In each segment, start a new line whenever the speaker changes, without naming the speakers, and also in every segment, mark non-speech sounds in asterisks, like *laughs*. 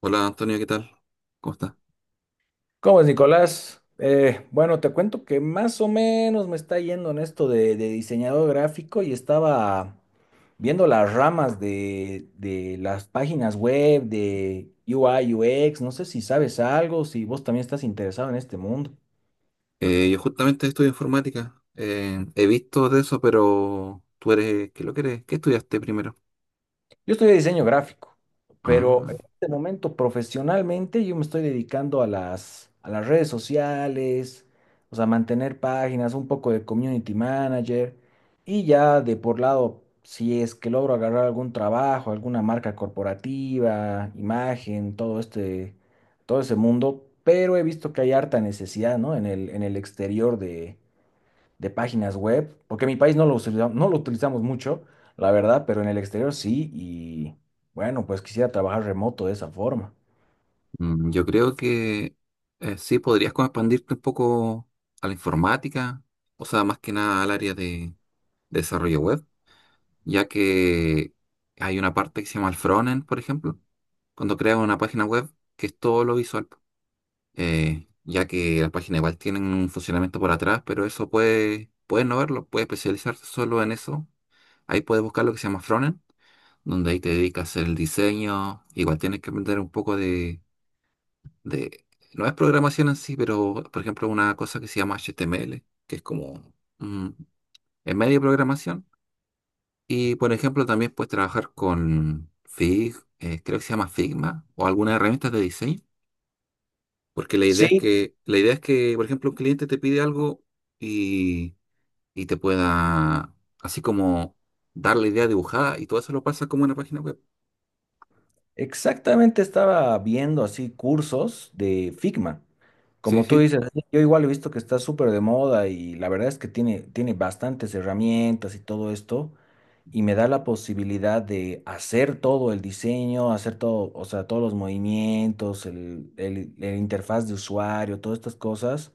Hola Antonio, ¿qué tal? ¿Cómo estás?
¿Cómo es, Nicolás? Bueno, te cuento que más o menos me está yendo en esto de diseñador gráfico y estaba viendo las ramas de las páginas web, de UI, UX, no sé si sabes algo, si vos también estás interesado en este mundo.
Yo justamente estudio informática. He visto de eso, pero tú eres, ¿qué lo que eres? ¿Qué estudiaste primero?
Yo estudié diseño gráfico, pero en
Ah,
este momento profesionalmente yo me estoy dedicando a las redes sociales, o sea, mantener páginas, un poco de community manager y ya de por lado, si es que logro agarrar algún trabajo, alguna marca corporativa, imagen, todo este, todo ese mundo, pero he visto que hay harta necesidad, ¿no? En el exterior de páginas web, porque en mi país no lo utilizamos mucho, la verdad, pero en el exterior sí, y bueno, pues quisiera trabajar remoto de esa forma.
yo creo que sí podrías como expandirte un poco a la informática, o sea, más que nada al área de desarrollo web, ya que hay una parte que se llama el frontend, por ejemplo, cuando creas una página web, que es todo lo visual. Ya que las páginas igual tienen un funcionamiento por atrás, pero eso puede no verlo, puede especializarse solo en eso. Ahí puedes buscar lo que se llama frontend, donde ahí te dedicas a hacer el diseño. Igual tienes que aprender un poco de- no es programación en sí, pero por ejemplo una cosa que se llama HTML, que es como mm, en medio de programación. Y por ejemplo también puedes trabajar con creo que se llama Figma, o algunas herramientas de diseño. Porque la idea
Sí,
es que, la idea es que, por ejemplo, un cliente te pide algo y, y te pueda, así como, dar la idea dibujada y todo eso lo pasa como en la página web.
exactamente estaba viendo así cursos de Figma.
Sí,
Como tú
sí.
dices, sí, yo igual he visto que está súper de moda y la verdad es que tiene, tiene bastantes herramientas y todo esto y me da la posibilidad de hacer todo el diseño, hacer todo, o sea, todos los movimientos, el interfaz de usuario, todas estas cosas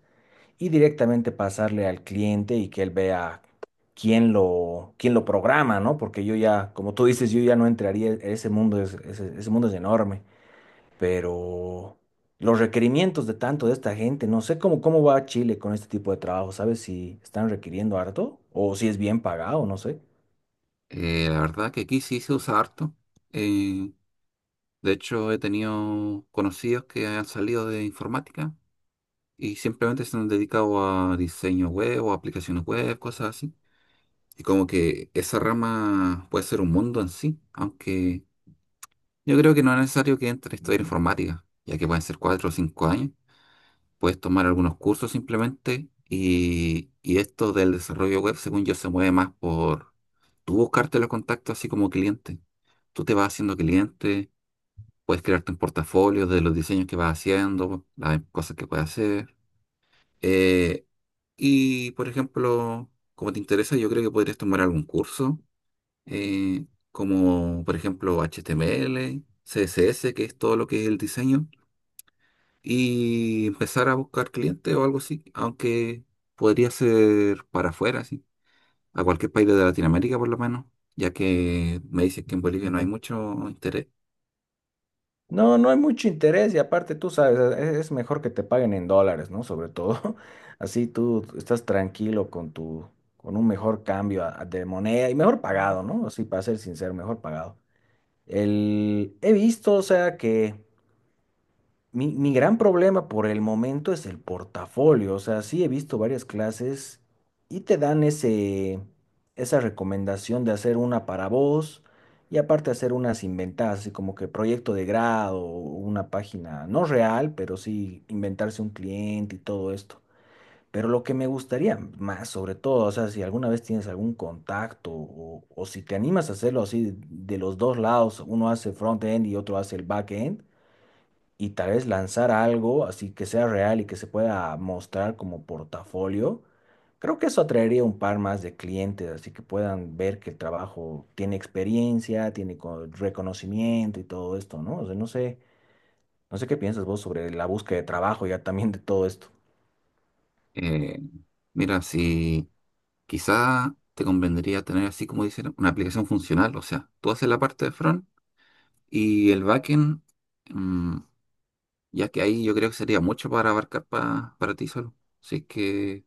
y directamente pasarle al cliente y que él vea quién lo programa, ¿no? Porque yo ya, como tú dices, yo ya no entraría, ese mundo es, ese mundo es enorme, pero los requerimientos de tanto de esta gente, no sé cómo, cómo va Chile con este tipo de trabajo, ¿sabes si están requiriendo harto o si es bien pagado? No sé.
La verdad que aquí sí se usa harto. Eh, de hecho, he tenido conocidos que han salido de informática y simplemente se han dedicado a diseño web o aplicaciones web, cosas así. Y como que esa rama puede ser un mundo en sí, aunque yo creo que no es necesario que entres a estudiar informática, ya que pueden ser 4 o 5 años. Puedes tomar algunos cursos simplemente, y esto del desarrollo web, según yo, se mueve más por tú buscarte los contactos así como cliente. Tú te vas haciendo cliente, puedes crearte un portafolio de los diseños que vas haciendo, las cosas que puedes hacer. Eh, y, por ejemplo, como te interesa, yo creo que podrías tomar algún curso, eh, como por ejemplo HTML, CSS, que es todo lo que es el diseño, y empezar a buscar clientes o algo así, aunque podría ser para afuera, sí, a cualquier país de Latinoamérica por lo menos, ya que me dices que en Bolivia no hay mucho interés.
No, no hay mucho interés y aparte tú sabes, es mejor que te paguen en dólares, ¿no? Sobre todo, *laughs* así tú estás tranquilo con tu, con un mejor cambio de moneda y mejor pagado, ¿no? Así para ser sincero, mejor pagado. El, he visto, o sea, que mi gran problema por el momento es el portafolio. O sea, sí he visto varias clases y te dan esa recomendación de hacer una para vos y aparte hacer unas inventadas, así como que proyecto de grado, una página no real, pero sí inventarse un cliente y todo esto. Pero lo que me gustaría más, sobre todo, o sea, si alguna vez tienes algún contacto o si te animas a hacerlo así de los dos lados, uno hace front-end y otro hace el back-end y tal vez lanzar algo así que sea real y que se pueda mostrar como portafolio, creo que eso atraería un par más de clientes, así que puedan ver que el trabajo tiene experiencia, tiene reconocimiento y todo esto, ¿no? O sea, no sé, no sé qué piensas vos sobre la búsqueda de trabajo ya también de todo esto.
Eh, Mira, si quizá te convendría tener, así como dicen, una aplicación funcional, o sea, tú haces la parte de front y el backend. mm, ya que ahí yo creo que sería mucho para abarcar pa- para ti solo. Si es que,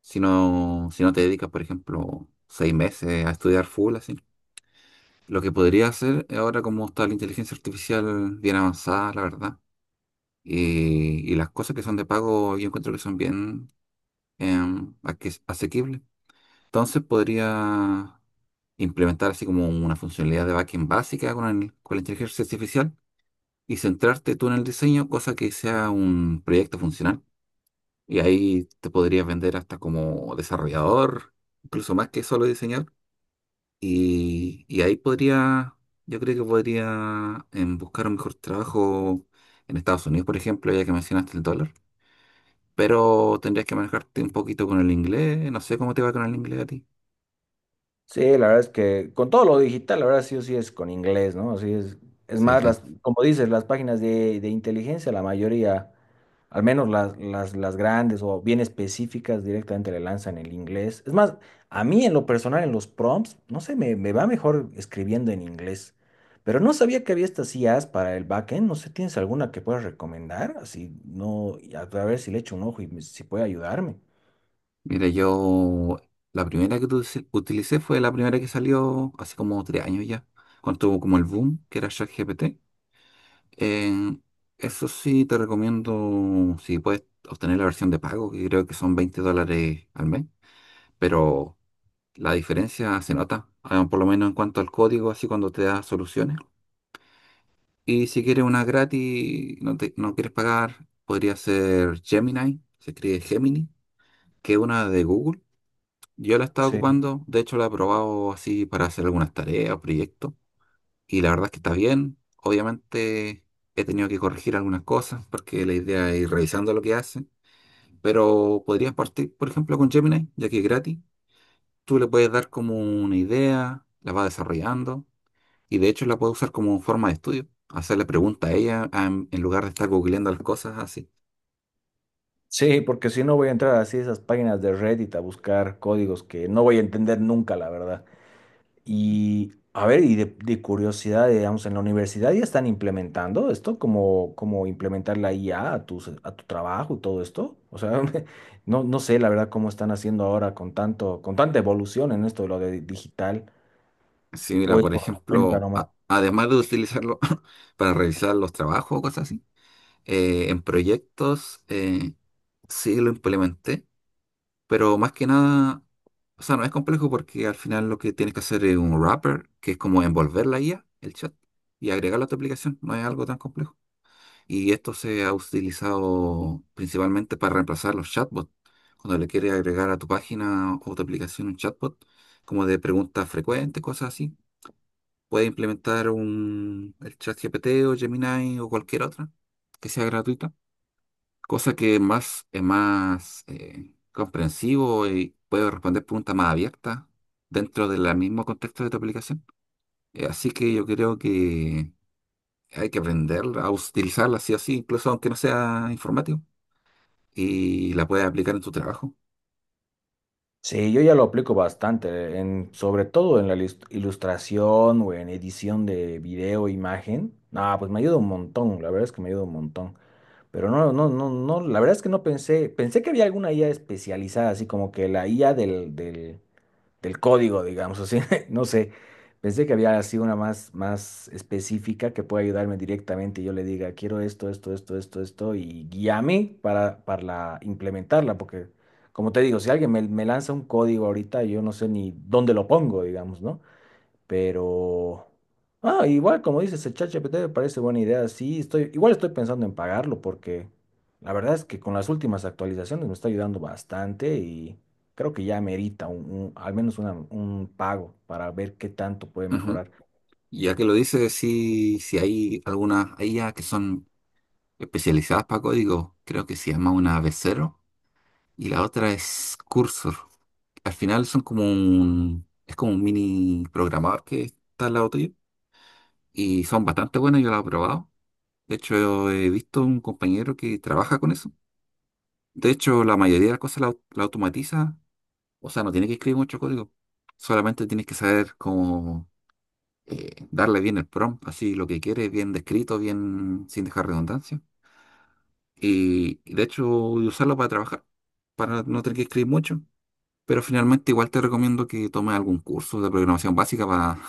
si no, si no te dedicas, por ejemplo, 6 meses a estudiar full, así. Lo que podría hacer ahora, como está la inteligencia artificial bien avanzada, la verdad, y las cosas que son de pago, yo encuentro que son bien asequibles. Entonces podría implementar así como una funcionalidad de backend básica con la inteligencia artificial, y centrarte tú en el diseño, cosa que sea un proyecto funcional. Y ahí te podrías vender hasta como desarrollador, incluso más que solo diseñador. Y ahí yo creo que podría buscar un mejor trabajo en Estados Unidos, por ejemplo, ya que mencionaste el dólar. Pero tendrías que manejarte un poquito con el inglés. No sé cómo te va con el inglés a ti.
Sí, la verdad es que con todo lo digital, la verdad sí o sí es con inglés, ¿no? Así es
Sí,
más,
sí.
las, como dices, las páginas de inteligencia, la mayoría, al menos las grandes o bien específicas, directamente le lanzan el inglés. Es más, a mí en lo personal, en los prompts, no sé, me va mejor escribiendo en inglés. Pero no sabía que había estas IAs para el backend, no sé, ¿tienes alguna que puedas recomendar? Así, no, a ver si le echo un ojo y si puede ayudarme.
Mira, yo la primera que utilicé fue la primera que salió hace como 3 años ya, cuando tuvo como el boom, que era ChatGPT. Eh, Eso sí, te recomiendo, si puedes, obtener la versión de pago, que creo que son $20 al mes, pero la diferencia se nota, ah, por lo menos en cuanto al código, así cuando te da soluciones. Y si quieres una gratis, no, no quieres pagar, podría ser Gemini, se escribe Gemini, que es una de Google. Yo la estaba ocupando, de hecho la he probado así para hacer algunas tareas, proyectos, y la verdad es que está bien. Obviamente he tenido que corregir algunas cosas porque la idea es ir revisando lo que hace, pero podrías partir, por ejemplo, con Gemini, ya que es gratis. Tú le puedes dar como una idea, la vas desarrollando, y de hecho la puedes usar como forma de estudio, hacerle preguntas a ella, ah, en lugar de estar googleando las cosas así.
Sí, porque si no voy a entrar así a esas páginas de Reddit a buscar códigos que no voy a entender nunca, la verdad. Y a ver, y de curiosidad, digamos, en la universidad ya están implementando esto, como implementar la IA a tu trabajo y todo esto. O sea, *laughs* no, no sé la verdad cómo están haciendo ahora con tanto, con tanta evolución en esto de lo de digital,
Sí,
o
mira,
es
por
por la cuenta.
ejemplo, además de utilizarlo *laughs* para revisar los trabajos o cosas así, en proyectos, sí lo implementé. Pero más que nada, o sea, no es complejo, porque al final lo que tienes que hacer es un wrapper, que es como envolver la IA, el chat, y agregarla a tu aplicación. No es algo tan complejo. Y esto se ha utilizado principalmente para reemplazar los chatbots. Cuando le quieres agregar a tu página o tu aplicación un chatbot, como de preguntas frecuentes, cosas así, puedes implementar el chat GPT o Gemini o cualquier otra que sea gratuita, cosa que es más comprensivo y puede responder preguntas más abiertas dentro del mismo contexto de tu aplicación. Así que yo creo que hay que aprender a utilizarla así o así, incluso aunque no sea informático, y la puedes aplicar en tu trabajo.
Sí, yo ya lo aplico bastante, en, sobre todo en la ilustración o en edición de video, imagen. Ah, pues me ayuda un montón, la verdad es que me ayuda un montón. Pero no, no, no, no, la verdad es que no pensé, pensé que había alguna IA especializada, así como que la IA del código, digamos así. *laughs* No sé, pensé que había sido una más, más específica que pueda ayudarme directamente. Yo le diga, quiero esto, esto, esto, esto, esto, y guíame para implementarla, porque como te digo, si alguien me, me lanza un código ahorita, yo no sé ni dónde lo pongo, digamos, ¿no? Pero, ah, igual como dices, el ChatGPT me parece buena idea. Sí, estoy, igual estoy pensando en pagarlo porque la verdad es que con las últimas actualizaciones me está ayudando bastante y creo que ya merita un pago para ver qué tanto puede
Ujú.
mejorar.
Ya que lo dices, sí, si hay algunas IA que son especializadas para código, creo que se llama una v0. Y la otra es Cursor. Al final son como un, es como un mini programador que está al lado tuyo. Y son bastante buenas, yo las he probado. De hecho, he visto un compañero que trabaja con eso. De hecho, la mayoría de las cosas la automatiza. O sea, no tiene que escribir mucho código. Solamente tienes que saber cómo, darle bien el prompt, así lo que quieres, bien descrito, bien sin dejar redundancia. Y de hecho, y usarlo para trabajar, para no tener que escribir mucho. Pero finalmente igual te recomiendo que tomes algún curso de programación básica,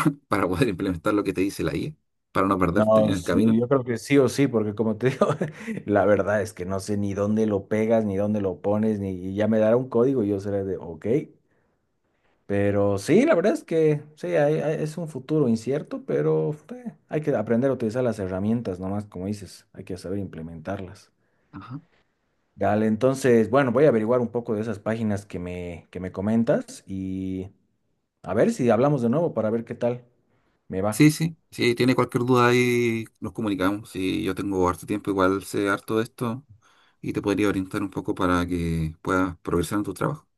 *laughs* para poder implementar lo que te dice la IA, para no perderte en
No,
el camino.
sí, yo creo que sí o sí, porque como te digo, *laughs* la verdad es que no sé ni dónde lo pegas, ni dónde lo pones, ni y ya me dará un código y yo seré de, ok. Pero sí, la verdad es que sí, es un futuro incierto, pero hay que aprender a utilizar las herramientas nomás, como dices, hay que saber implementarlas.
Ajá.
Dale, entonces, bueno, voy a averiguar un poco de esas páginas que me comentas y a ver si hablamos de nuevo para ver qué tal me va.
Sí, sí, si tiene cualquier duda ahí nos comunicamos. Si yo tengo harto tiempo, igual sé harto de esto y te podría orientar un poco para que puedas progresar en tu trabajo.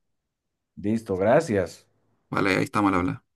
Listo, gracias.
Vale, ahí estamos al hablar.